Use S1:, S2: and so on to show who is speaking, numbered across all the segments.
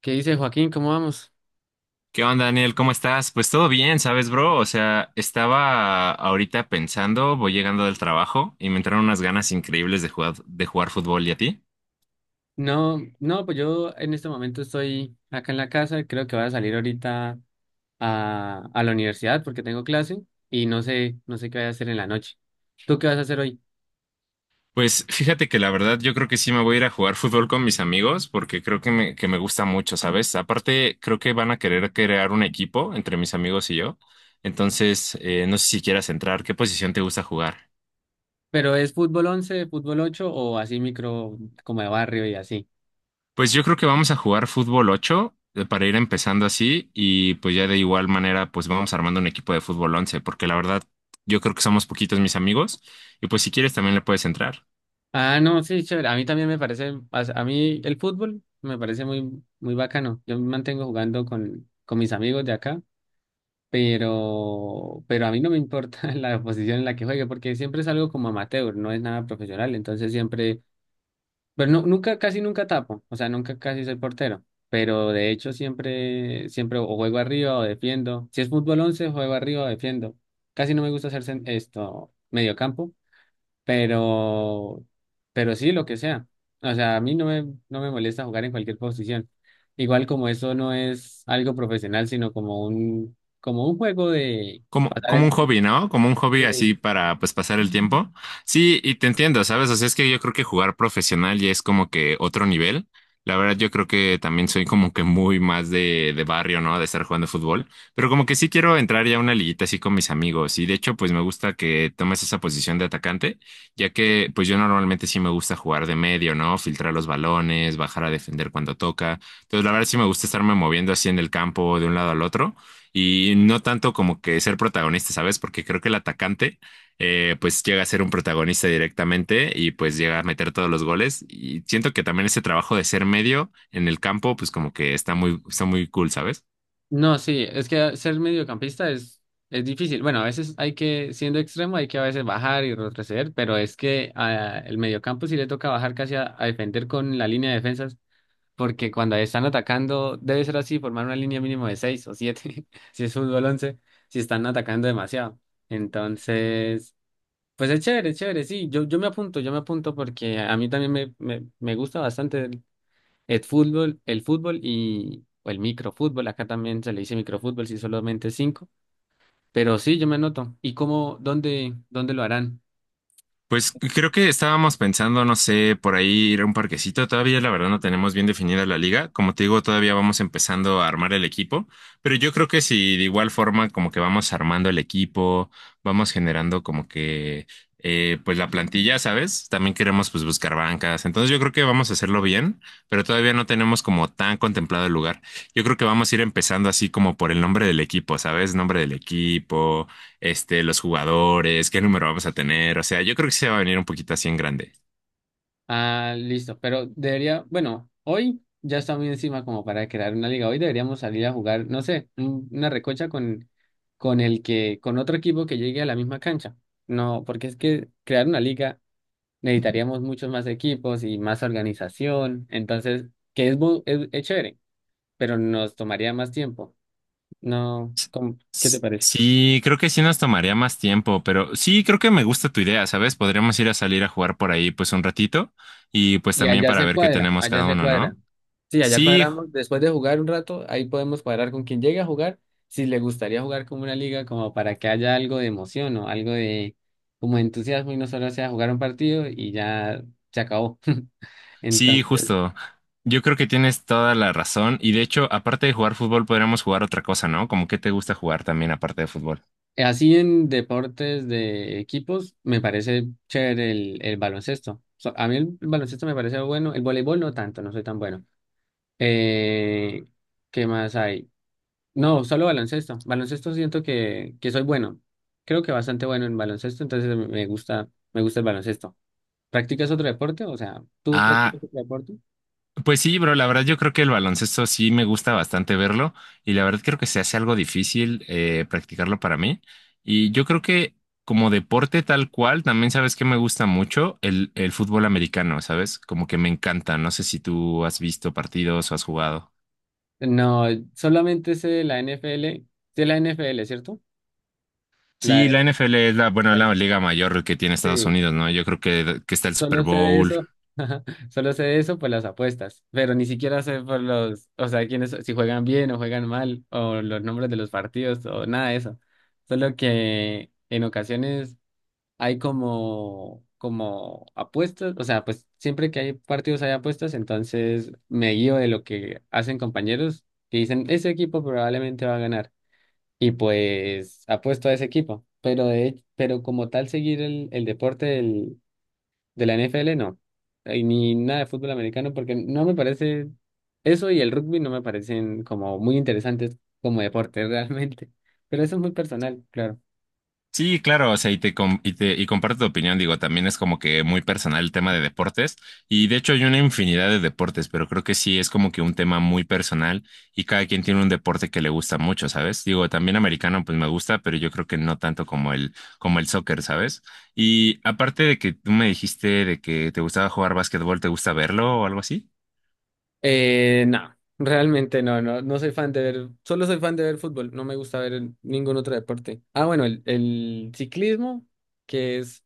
S1: ¿Qué dice Joaquín? ¿Cómo vamos?
S2: ¿Qué onda, Daniel? ¿Cómo estás? Pues todo bien, ¿sabes, bro? O sea, estaba ahorita pensando, voy llegando del trabajo y me entraron unas ganas increíbles de jugar fútbol. ¿Y a ti?
S1: No, no, pues yo en este momento estoy acá en la casa, creo que voy a salir ahorita a la universidad porque tengo clase y no sé, no sé qué voy a hacer en la noche. ¿Tú qué vas a hacer hoy?
S2: Pues fíjate que la verdad yo creo que sí me voy a ir a jugar fútbol con mis amigos porque creo que me gusta mucho, ¿sabes? Aparte, creo que van a querer crear un equipo entre mis amigos y yo. Entonces, no sé si quieras entrar. ¿Qué posición te gusta jugar?
S1: ¿Pero es fútbol 11, fútbol 8 o así micro como de barrio y así?
S2: Pues yo creo que vamos a jugar fútbol 8 para ir empezando así y pues ya de igual manera pues vamos armando un equipo de fútbol 11 porque la verdad yo creo que somos poquitos mis amigos y pues si quieres también le puedes entrar.
S1: Ah, no, sí, chévere. A mí también me parece, a mí el fútbol me parece muy, muy bacano. Yo me mantengo jugando con mis amigos de acá pero a mí no me importa la posición en la que juegue, porque siempre es algo como amateur, no es nada profesional, entonces siempre, pero no, nunca, casi nunca tapo, o sea, nunca casi soy portero, pero de hecho siempre, siempre o juego arriba o defiendo, si es fútbol 11 juego arriba o defiendo, casi no me gusta hacer esto, mediocampo pero, pero sí, lo que sea. O sea, a mí no me, no me molesta jugar en cualquier posición. Igual como eso no es algo profesional, sino como un juego de
S2: Como,
S1: pasar
S2: como
S1: el
S2: un
S1: tiempo.
S2: hobby, ¿no? Como un hobby
S1: de-
S2: así para pues pasar el tiempo. Sí, y te entiendo, ¿sabes? O sea, es que yo creo que jugar profesional ya es como que otro nivel. La verdad, yo creo que también soy como que muy más de barrio, ¿no? De estar jugando fútbol. Pero como que sí quiero entrar ya a una liguita así con mis amigos. Y de hecho, pues me gusta que tomes esa posición de atacante, ya que pues yo normalmente sí me gusta jugar de medio, ¿no? Filtrar los balones, bajar a defender cuando toca. Entonces, la verdad sí me gusta estarme moviendo así en el campo de un lado al otro y no tanto como que ser protagonista, ¿sabes? Porque creo que el atacante pues llega a ser un protagonista directamente y pues llega a meter todos los goles y siento que también ese trabajo de ser medio en el campo pues como que está muy cool, ¿sabes?
S1: No, sí, es que ser mediocampista es difícil. Bueno, a veces hay que, siendo extremo, hay que a veces bajar y retroceder, pero es que el mediocampo sí le toca bajar casi a defender con la línea de defensa porque cuando están atacando, debe ser así, formar una línea mínimo de 6 o 7, si es fútbol 11 si están atacando demasiado. Entonces, pues es chévere, sí, yo, yo me apunto porque a mí también me gusta bastante el fútbol y o el microfútbol, acá también se le dice microfútbol, si solamente 5, pero sí, yo me anoto. ¿Y cómo, dónde, dónde lo harán?
S2: Pues creo que estábamos pensando, no sé, por ahí ir a un parquecito. Todavía la verdad no tenemos bien definida la liga. Como te digo, todavía vamos empezando a armar el equipo, pero yo creo que si de igual forma como que vamos armando el equipo, vamos generando como que pues la plantilla, ¿sabes? También queremos pues buscar bancas. Entonces yo creo que vamos a hacerlo bien, pero todavía no tenemos como tan contemplado el lugar. Yo creo que vamos a ir empezando así como por el nombre del equipo, ¿sabes? Nombre del equipo este, los jugadores, qué número vamos a tener. O sea, yo creo que se va a venir un poquito así en grande.
S1: Ah, listo, pero debería, bueno, hoy ya está muy encima como para crear una liga. Hoy deberíamos salir a jugar, no sé, una recocha con el que, con otro equipo que llegue a la misma cancha. No, porque es que crear una liga necesitaríamos muchos más equipos y más organización. Entonces, que es, es chévere, pero nos tomaría más tiempo. No, ¿cómo? ¿Qué te parece?
S2: Sí, creo que sí nos tomaría más tiempo, pero sí, creo que me gusta tu idea, ¿sabes? Podríamos ir a salir a jugar por ahí pues un ratito y pues
S1: Y
S2: también
S1: allá
S2: para
S1: se
S2: ver qué
S1: cuadra,
S2: tenemos
S1: allá
S2: cada
S1: se
S2: uno,
S1: cuadra.
S2: ¿no?
S1: Sí, allá
S2: Sí, ju-
S1: cuadramos, después de jugar un rato, ahí podemos cuadrar con quien llegue a jugar, si le gustaría jugar como una liga, como para que haya algo de emoción o algo de como de entusiasmo y no solo sea jugar un partido y ya se acabó.
S2: sí,
S1: Entonces,
S2: justo. Yo creo que tienes toda la razón y de hecho, aparte de jugar fútbol, podríamos jugar otra cosa, ¿no? Como que te gusta jugar también aparte de fútbol.
S1: así en deportes de equipos, me parece chévere el baloncesto. A mí el, baloncesto me parece bueno, el voleibol no tanto, no soy tan bueno. Eh, ¿Qué más hay? No, solo baloncesto. Baloncesto siento que soy bueno. Creo que bastante bueno en baloncesto, entonces me gusta, me gusta el baloncesto. ¿Practicas otro deporte? O sea, ¿tú
S2: Ah.
S1: practicas otro deporte?
S2: Pues sí, bro, la verdad yo creo que el baloncesto sí me gusta bastante verlo y la verdad creo que se hace algo difícil practicarlo para mí. Y yo creo que como deporte tal cual, también sabes que me gusta mucho el fútbol americano, ¿sabes? Como que me encanta. No sé si tú has visto partidos o has jugado.
S1: No, solamente sé de la NFL, sé la NFL, ¿cierto? La,
S2: Sí, la NFL es la, bueno,
S1: la-
S2: la liga mayor que tiene Estados
S1: sí,
S2: Unidos, ¿no? Yo creo que está el Super
S1: solo sé de
S2: Bowl.
S1: eso, solo sé de eso por las apuestas, pero ni siquiera sé por los, o sea, quiénes, si juegan bien o juegan mal, o los nombres de los partidos, o nada de eso. Solo que en ocasiones hay como, como apuestas, o sea, pues siempre que hay partidos hay apuestas, entonces me guío de lo que hacen compañeros que dicen, ese equipo probablemente va a ganar y pues apuesto a ese equipo, pero de, pero como tal seguir el deporte del, de la NFL no, y ni nada de fútbol americano porque no me parece eso y el rugby no me parecen como muy interesantes como deporte realmente, pero eso es muy personal, claro.
S2: Sí, claro, o sea, y te, com- y te- y comparto tu opinión, digo, también es como que muy personal el tema de deportes y de hecho hay una infinidad de deportes, pero creo que sí es como que un tema muy personal y cada quien tiene un deporte que le gusta mucho, ¿sabes? Digo, también americano pues me gusta, pero yo creo que no tanto como el soccer, ¿sabes? Y aparte de que tú me dijiste de que te gustaba jugar básquetbol, ¿te gusta verlo o algo así?
S1: No, realmente no, no, no soy fan de ver, solo soy fan de ver fútbol, no me gusta ver ningún otro deporte. Ah, bueno, el ciclismo, que es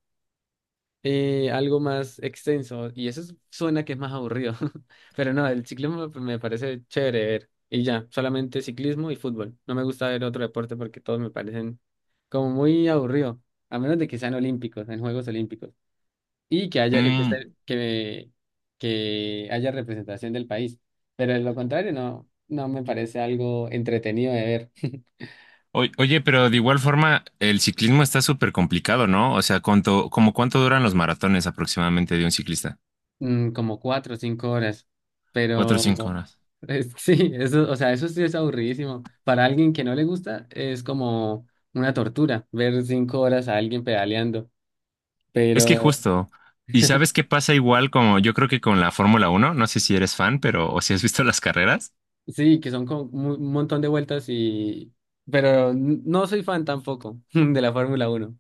S1: algo más extenso, y suena que es más aburrido, pero no, el ciclismo me parece chévere ver, y ya, solamente ciclismo y fútbol. No me gusta ver otro deporte porque todos me parecen como muy aburrido, a menos de que sean olímpicos, en Juegos Olímpicos y que haya, que,
S2: Mm,
S1: que haya representación del país. Pero de lo contrario, no, no me parece algo entretenido de ver.
S2: Oye, pero de igual forma, el ciclismo está súper complicado, ¿no? O sea, ¿cuánto, como cuánto duran los maratones aproximadamente de un ciclista?
S1: Mm, como 4 o 5 horas.
S2: Cuatro o cinco
S1: Pero
S2: horas.
S1: sí, eso, o sea, eso sí es aburridísimo. Para alguien que no le gusta, es como una tortura ver 5 horas a alguien pedaleando.
S2: Es que
S1: Pero
S2: justo. ¿Y sabes qué pasa igual como yo creo que con la Fórmula 1? No sé si eres fan, pero o si has visto las carreras.
S1: sí, que son como un montón de vueltas y... Pero no soy fan tampoco de la Fórmula uno.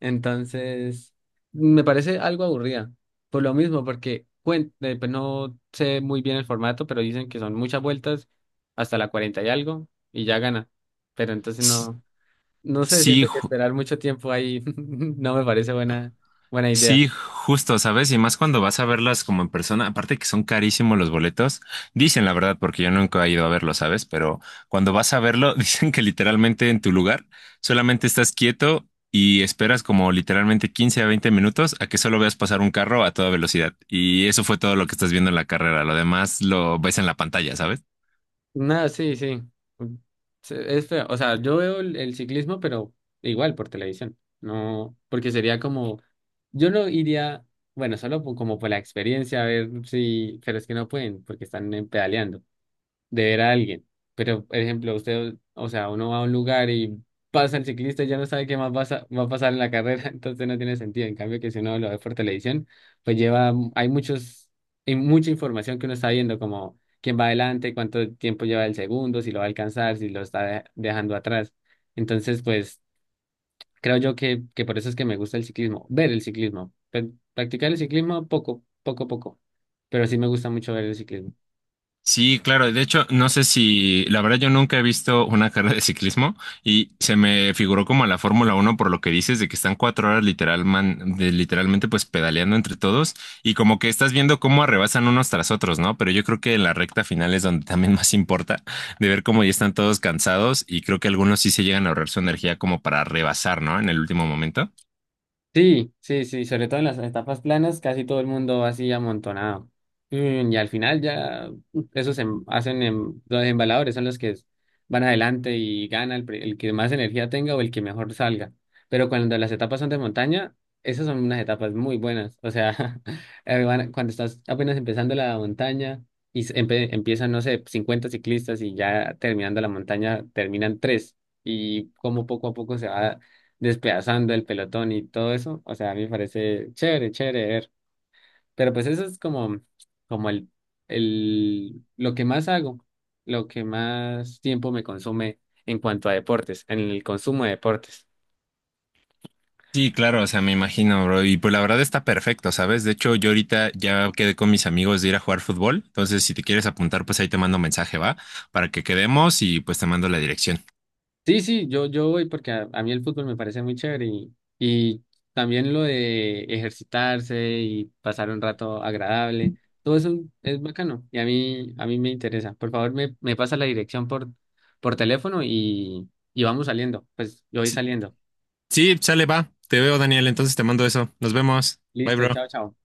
S1: Entonces, me parece algo aburrida. Por lo mismo, porque pues no sé muy bien el formato, pero dicen que son muchas vueltas, hasta la 40 y algo, y ya gana. Pero entonces
S2: S-
S1: no, no sé,
S2: Sí,
S1: siento que
S2: ju-
S1: esperar mucho tiempo ahí no me parece buena, buena idea.
S2: Sí, justo, ¿sabes? Y más cuando vas a verlas como en persona, aparte que son carísimos los boletos, dicen la verdad, porque yo nunca he ido a verlo, ¿sabes? Pero cuando vas a verlo, dicen que literalmente en tu lugar solamente estás quieto y esperas como literalmente 15 a 20 minutos a que solo veas pasar un carro a toda velocidad. Y eso fue todo lo que estás viendo en la carrera, lo demás lo ves en la pantalla, ¿sabes?
S1: No, sí, sí. Mm, sí, es feo. O sea, yo veo el ciclismo, pero igual por televisión. No, porque sería como, yo no iría, bueno, solo como por la experiencia, a ver si, pero es que no pueden, porque están pedaleando de ver a alguien. Pero, por ejemplo, usted, o sea, uno va a un lugar y pasa el ciclista y ya no sabe qué más va a, va a pasar en la carrera, entonces no tiene sentido. En cambio, que si uno lo ve por televisión, pues lleva, hay muchos, hay mucha información que uno está viendo, como quién va adelante, cuánto tiempo lleva el segundo, si lo va a alcanzar, si lo está dejando atrás. Entonces, pues, creo yo que por eso es que me gusta el ciclismo, ver el ciclismo, practicar el ciclismo poco, poco, poco, pero sí me gusta mucho ver el ciclismo.
S2: Sí, claro. De hecho, no sé si, la verdad, yo nunca he visto una carrera de ciclismo y se me figuró como a la Fórmula 1 por lo que dices de que están 4 horas literal, literalmente pues pedaleando entre todos y como que estás viendo cómo arrebasan unos tras otros, ¿no? Pero yo creo que en la recta final es donde también más importa de ver cómo ya están todos cansados y creo que algunos sí se llegan a ahorrar su energía como para rebasar, ¿no? En el último momento.
S1: Sí, sí, sí, sobre todo en las etapas planas, casi todo el mundo va así amontonado. Mm, y al final ya mm, hacen los embaladores son los que van adelante y gana el, el que más energía tenga o el que mejor salga. Pero cuando las etapas son de montaña, esas son unas etapas muy buenas. O sea, cuando estás apenas empezando la montaña y empiezan, no sé, 50 ciclistas y ya terminando la montaña terminan tres. Y como poco a poco se va despedazando el pelotón y todo eso. O sea, a mí me parece chévere, chévere ver. Pero pues eso es como, como el, lo que más hago, lo que más tiempo me consume en cuanto a deportes, en el consumo de deportes.
S2: Sí, claro, o sea, me imagino, bro. Y pues la verdad está perfecto, ¿sabes? De hecho, yo ahorita ya quedé con mis amigos de ir a jugar fútbol. Entonces, si te quieres apuntar, pues ahí te mando mensaje, ¿va? Para que quedemos y pues te mando la dirección.
S1: Sí, sí, yo voy porque a mí el fútbol me parece muy chévere y también lo de ejercitarse y pasar un rato agradable, todo eso es bacano y a mí me interesa. Por favor, me pasa la dirección por teléfono y vamos saliendo. Pues yo voy
S2: Sí,
S1: saliendo.
S2: sí, sale, va. Te veo, Daniel. Entonces te mando eso. Nos vemos. Bye,
S1: Listo,
S2: bro.
S1: chao, chao.